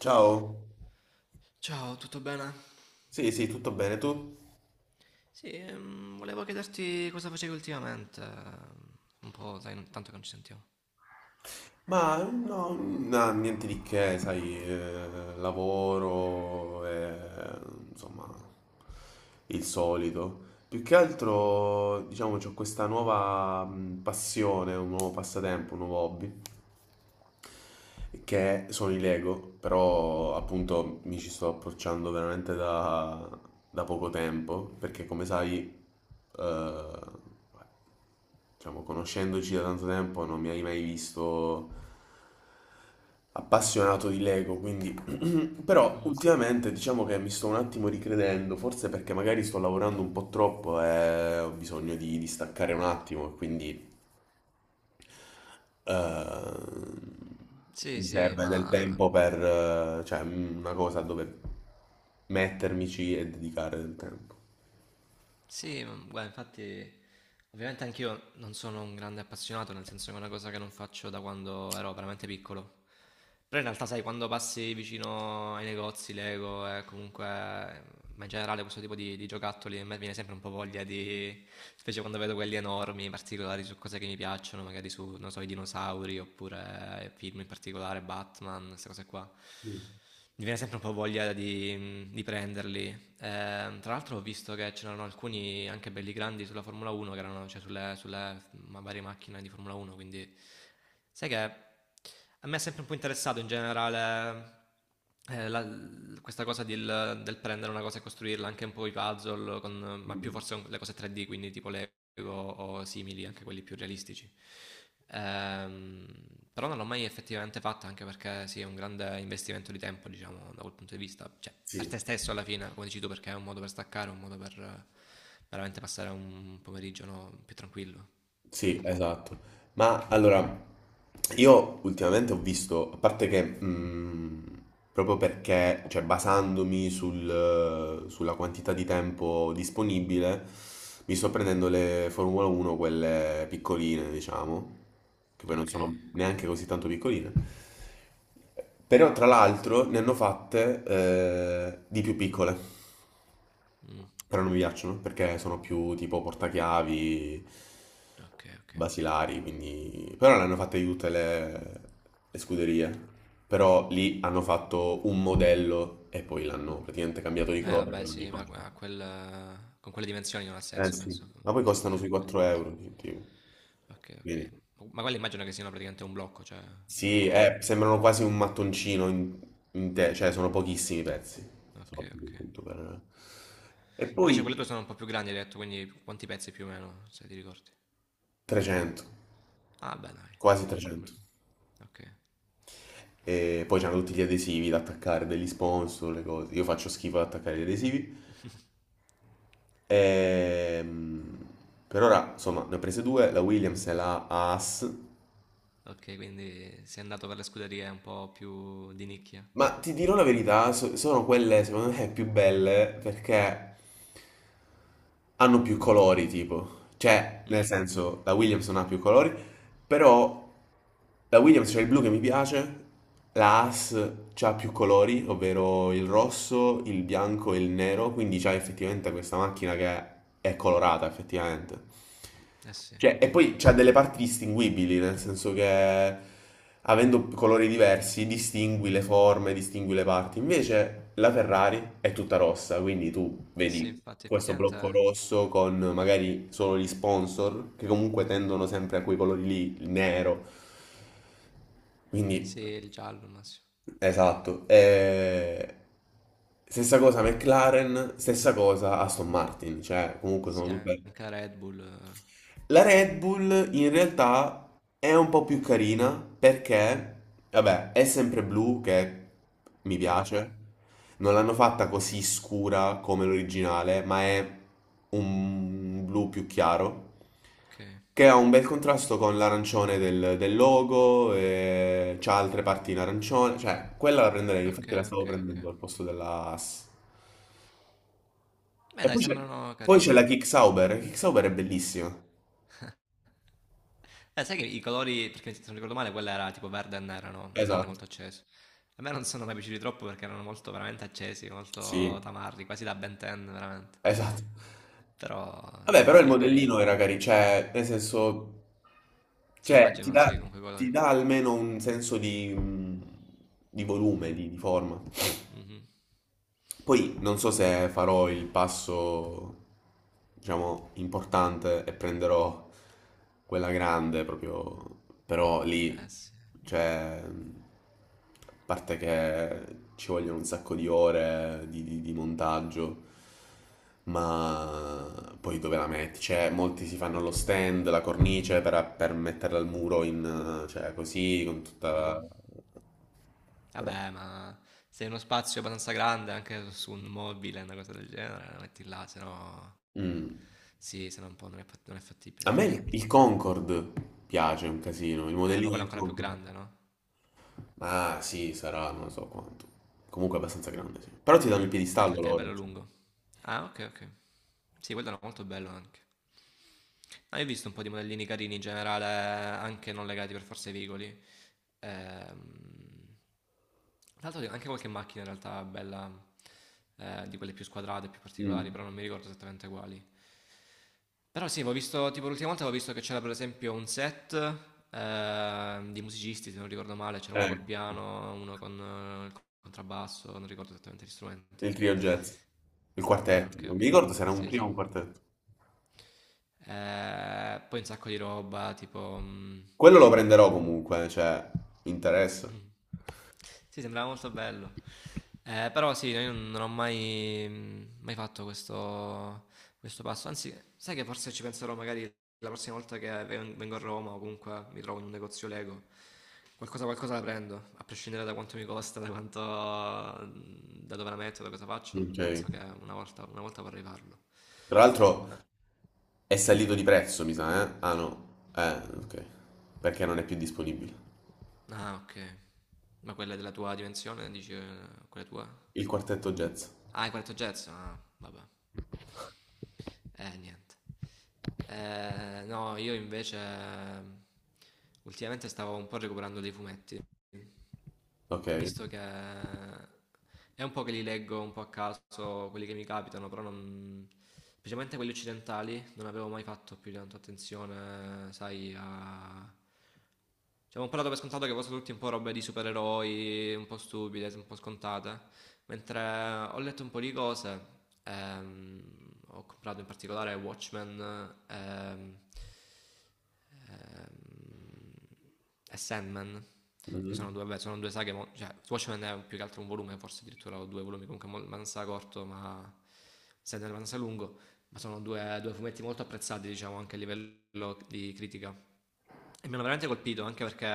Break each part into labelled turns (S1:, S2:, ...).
S1: Ciao,
S2: Ciao, tutto bene?
S1: sì, sì, tutto bene tu?
S2: Sì, volevo chiederti cosa facevi ultimamente. Un po', dai, tanto che non ci sentiamo.
S1: Ma no, no, niente di che, sai, lavoro, insomma, il solito. Più che altro, diciamo, ho questa nuova passione, un nuovo passatempo, un nuovo hobby. Che sono i Lego, però appunto mi ci sto approcciando veramente da, poco tempo, perché come sai, eh, diciamo, conoscendoci da tanto tempo non mi hai mai visto appassionato di Lego, quindi però
S2: Mm.
S1: ultimamente diciamo che mi sto un attimo ricredendo, forse perché magari sto lavorando un po' troppo e ho bisogno di staccare un attimo, e quindi Ehm,
S2: Sì,
S1: mi
S2: sì,
S1: serve del
S2: ma
S1: tempo per, cioè, una cosa dove mettermici e dedicare del tempo.
S2: sì, ma guarda, infatti, ovviamente anch'io non sono un grande appassionato, nel senso che è una cosa che non faccio da quando ero veramente piccolo. Però in realtà, sai, quando passi vicino ai negozi, Lego e comunque, ma in generale questo tipo di giocattoli, a me viene sempre un po' voglia di, specie quando vedo quelli enormi, particolari su cose che mi piacciono, magari su, non so, i dinosauri oppure film in particolare, Batman, queste cose qua
S1: Mm.
S2: mi viene sempre un po' voglia di prenderli. Tra l'altro ho visto che c'erano alcuni anche belli grandi sulla Formula 1, che erano, cioè sulle, varie macchine di Formula 1, quindi sai che a me è sempre un po' interessato in generale eh, la- questa cosa del, del prendere una cosa e costruirla, anche un po' i puzzle, ma più forse con le cose 3D, quindi tipo Lego o simili, anche quelli più realistici. Ehm, Però non l'ho mai effettivamente fatta, anche perché sì, è un grande investimento di tempo, diciamo, da quel punto di vista. Cioè, per
S1: Sì.
S2: te stesso alla fine, come dici tu, perché è un modo per staccare, un modo per veramente passare un pomeriggio, no, più tranquillo.
S1: Sì, esatto. Ma allora, io ultimamente ho visto, a parte che proprio perché, cioè basandomi sulla quantità di tempo disponibile, mi sto prendendo le Formula 1, quelle piccoline, diciamo, che poi non
S2: Ok,
S1: sono neanche così tanto piccoline. Però tra l'altro ne hanno fatte di più piccole,
S2: mm,
S1: però non mi piacciono perché sono più tipo portachiavi,
S2: ok, ok.
S1: basilari, quindi. Però le hanno fatte di tutte le scuderie, però lì hanno fatto un modello e poi l'hanno praticamente cambiato di colore
S2: Vabbè,
S1: per ogni
S2: sì, ma
S1: cosa.
S2: a quel, con quelle dimensioni non ha
S1: Eh
S2: senso,
S1: sì,
S2: penso,
S1: ma poi costano
S2: fare
S1: sui
S2: piccole
S1: 4
S2: differenze.
S1: euro, tipo.
S2: Ok,
S1: Quindi.
S2: ok. Ma quelle immagino che siano praticamente un blocco, cioè un
S1: Sì,
S2: coso.
S1: sembrano quasi un mattoncino in te, cioè sono pochissimi pezzi.
S2: Ok,
S1: Sono pochi,
S2: ok.
S1: appunto per, e
S2: Invece quelle tue
S1: poi
S2: sono un po' più grandi, hai detto, quindi quanti pezzi più o meno, se ti ricordi?
S1: 300,
S2: Ah, beh, dai,
S1: quasi
S2: comunque, un bel
S1: 300.
S2: po'. Ok,
S1: E poi c'hanno tutti gli adesivi da attaccare, degli sponsor, le cose. Io faccio schifo ad attaccare gli adesivi. Ehm, per ora, insomma, ne ho prese due, la Williams e la Haas.
S2: ok, quindi sei andato per le scuderie un po' più di nicchia.
S1: Ma ti dirò la verità, sono quelle secondo me più belle perché hanno più colori, tipo. Cioè, nel
S2: Mm,
S1: senso, la Williams non ha più colori, però la Williams c'è il blu che mi piace, la Haas c'ha più colori, ovvero il rosso, il bianco e il nero, quindi c'ha effettivamente questa macchina che è colorata, effettivamente.
S2: eh sì, eh
S1: Cioè, e poi c'ha delle parti distinguibili, nel senso che avendo colori diversi distingui le forme, distingui le parti. Invece la Ferrari è tutta rossa, quindi tu
S2: sì,
S1: vedi
S2: infatti,
S1: questo
S2: effettivamente
S1: blocco rosso con magari solo gli sponsor, che comunque tendono sempre a quei colori lì, il nero. Quindi,
S2: sì, il giallo, ma sì,
S1: esatto. E. Stessa cosa McLaren, stessa cosa Aston Martin, cioè comunque sono
S2: sì,
S1: tutte.
S2: anche la Red Bull. Eh.
S1: La Red Bull in realtà è un po' più carina perché, vabbè, è sempre blu che mi
S2: Mhm,
S1: piace. Non l'hanno fatta così scura come l'originale, ma è un blu più chiaro
S2: ok,
S1: che ha un bel contrasto con l'arancione del logo e c'ha altre parti in arancione, cioè quella la prenderei,
S2: ok,
S1: infatti la stavo
S2: ok, ok.
S1: prendendo al posto della Haas.
S2: Beh,
S1: E
S2: dai,
S1: poi c'è
S2: sembrano
S1: poi c'è
S2: carine.
S1: la Kick Sauber è bellissima.
S2: Sai che i colori, perché se non ricordo male, quella era tipo verde e nera, no? Un verde
S1: Esatto,
S2: molto acceso. A me non sono mai piaciuti troppo perché erano molto veramente accesi, molto
S1: sì,
S2: tamarri, quasi da Ben 10, veramente.
S1: esatto.
S2: Però
S1: Vabbè, però il
S2: sì, è carino.
S1: modellino era carino, cioè, nel senso,
S2: Sì,
S1: cioè,
S2: immagino sì, con quei
S1: ti
S2: colori.
S1: dà almeno un senso di volume, di forma.
S2: Mhm.
S1: Poi non so se farò il passo, diciamo, importante e prenderò quella grande proprio, però lì,
S2: Eh sì.
S1: cioè, a parte che ci vogliono un sacco di ore di, di montaggio, ma poi dove la metti? Cioè, molti si fanno lo
S2: Mhm.
S1: stand, la cornice per metterla al muro cioè, così, con
S2: Mm.
S1: tutta.
S2: Vabbè, ma se in uno spazio abbastanza grande, anche su un mobile, una cosa del genere, la metti là, se no...
S1: Mm.
S2: Sì, se no un po' non è, non è fattibile,
S1: A me
S2: effettivamente.
S1: il Concorde piace un casino, il
S2: Ma
S1: modellino
S2: quello è
S1: del
S2: ancora più
S1: Concorde.
S2: grande, no?
S1: Ah, sì, sarà, non so quanto. Comunque è abbastanza grande, sì. Però ti danno il
S2: Anche
S1: piedistallo
S2: perché è
S1: loro.
S2: bello
S1: Cioè.
S2: lungo. Ah, ok, ok. Sì, quello era molto bello anche. Ah, io ho visto un po' di modellini carini in generale, anche non legati per forza ai veicoli. Ehm, Tra l'altro anche qualche macchina in realtà bella, di quelle più squadrate, più particolari,
S1: Mm.
S2: però non mi ricordo esattamente quali. Però sì, avevo visto, tipo l'ultima volta avevo visto che c'era per esempio un set di musicisti, se non ricordo male, c'era uno
S1: Eh,
S2: col piano, uno con il contrabbasso, non ricordo esattamente gli strumenti.
S1: il trio jazz. Il quartetto.
S2: Ok,
S1: Non mi
S2: ok,
S1: ricordo se era un
S2: sì,
S1: trio
S2: sì.
S1: o un quartetto.
S2: Poi un sacco di roba, tipo...
S1: Quello lo prenderò comunque, cioè, mi interessa.
S2: mh. Sì, sembrava molto bello. Però sì, no, io non ho mai mai fatto questo questo passo. Anzi, sai che forse ci penserò magari la prossima volta che vengo a Roma o comunque mi trovo in un negozio Lego, qualcosa la prendo, a prescindere da quanto mi costa, da quanto da dove la metto, da cosa faccio,
S1: Ok.
S2: penso che una volta vorrei farlo.
S1: Tra l'altro
S2: A
S1: è salito di prezzo, mi sa, eh? Ah, no. Eh, ok. Perché non è più disponibile.
S2: ah, okay. Ma quella della tua dimensione dici, quella tua?
S1: Il quartetto jazz.
S2: Ah, hai 4 jazz? Ah, vabbè. Niente. No, io invece ultimamente stavo un po' recuperando dei fumetti,
S1: Ok.
S2: visto che è un po' che li leggo un po' a caso, quelli che mi capitano, però non... specialmente quelli occidentali, non avevo mai fatto più di tanto attenzione, sai, a... Cioè, avevo un po' dato per scontato che fossero tutti un po' robe di supereroi, un po' stupide, un po' scontate. Mentre ho letto un po' di cose, ehm, ho comprato in particolare Watchmen ehm, ehm, e Sandman, che sono
S1: Mhm.
S2: due, vabbè, sono due saghe, cioè Watchmen è più che altro un volume, forse addirittura ho due volumi, comunque Mansa corto, ma Sandman Mansa lungo, ma sono due fumetti molto apprezzati, diciamo, anche a livello di critica e mi hanno veramente colpito anche perché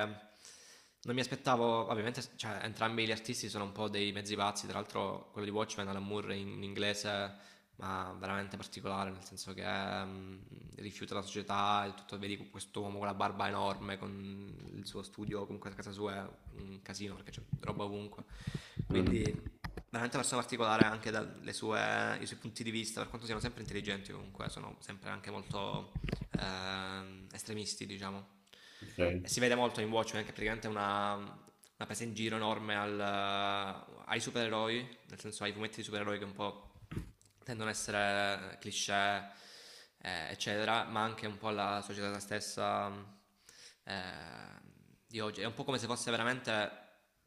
S2: non mi aspettavo, ovviamente, cioè, entrambi gli artisti sono un po' dei mezzi pazzi, tra l'altro quello di Watchmen, Alan Moore in inglese, ma veramente particolare, nel senso che rifiuta la società, il tutto, vedi questo uomo con la barba enorme, con il suo studio, comunque a casa sua è un casino perché c'è roba ovunque,
S1: Mhm.
S2: quindi veramente una persona particolare anche dalle sue, i suoi punti di vista, per quanto siano sempre intelligenti comunque, sono sempre anche molto estremisti, diciamo.
S1: Ok.
S2: E si vede molto in Watchmen che praticamente è una presa in giro enorme al, ai supereroi, nel senso ai fumetti di supereroi che un po' tendono a essere cliché, eccetera, ma anche un po' alla società stessa eh, di oggi. È un po' come se fosse veramente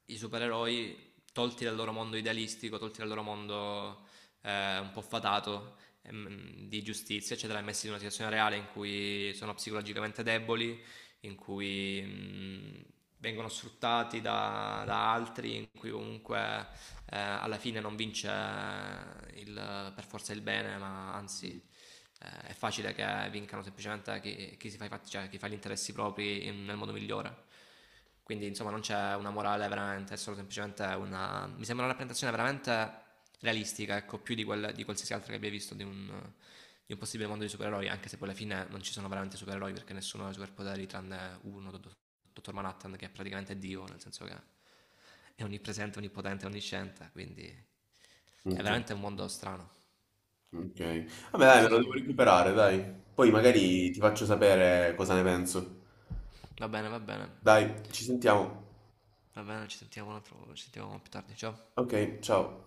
S2: i supereroi tolti dal loro mondo idealistico, tolti dal loro mondo un po' fatato di giustizia, eccetera, e messi in una situazione reale in cui sono psicologicamente deboli, in cui vengono sfruttati da altri, in cui comunque alla fine non vince per forza il bene, ma anzi è facile che vincano semplicemente chi, chi si fa, cioè, chi fa gli interessi propri nel modo migliore. Quindi, insomma, non c'è una morale veramente, è solo semplicemente una. Mi sembra una rappresentazione veramente realistica, ecco, più di, quella, di qualsiasi altra che abbia visto di un possibile mondo di supereroi, anche se poi alla fine non ci sono veramente supereroi perché nessuno ha superpoteri tranne uno, Dottor Manhattan, che è praticamente Dio, nel senso che è onnipresente, onnipotente, onnisciente, quindi è
S1: Ok.
S2: veramente un mondo strano.
S1: Ok. Vabbè,
S2: Non
S1: dai, me
S2: so
S1: lo
S2: se tu...
S1: devo recuperare, dai. Poi
S2: Mhm.
S1: magari ti faccio sapere cosa ne penso.
S2: Va bene, va bene,
S1: Dai, ci sentiamo.
S2: va bene, ci sentiamo, un altro, ci sentiamo più tardi, ciao.
S1: Ok, ciao.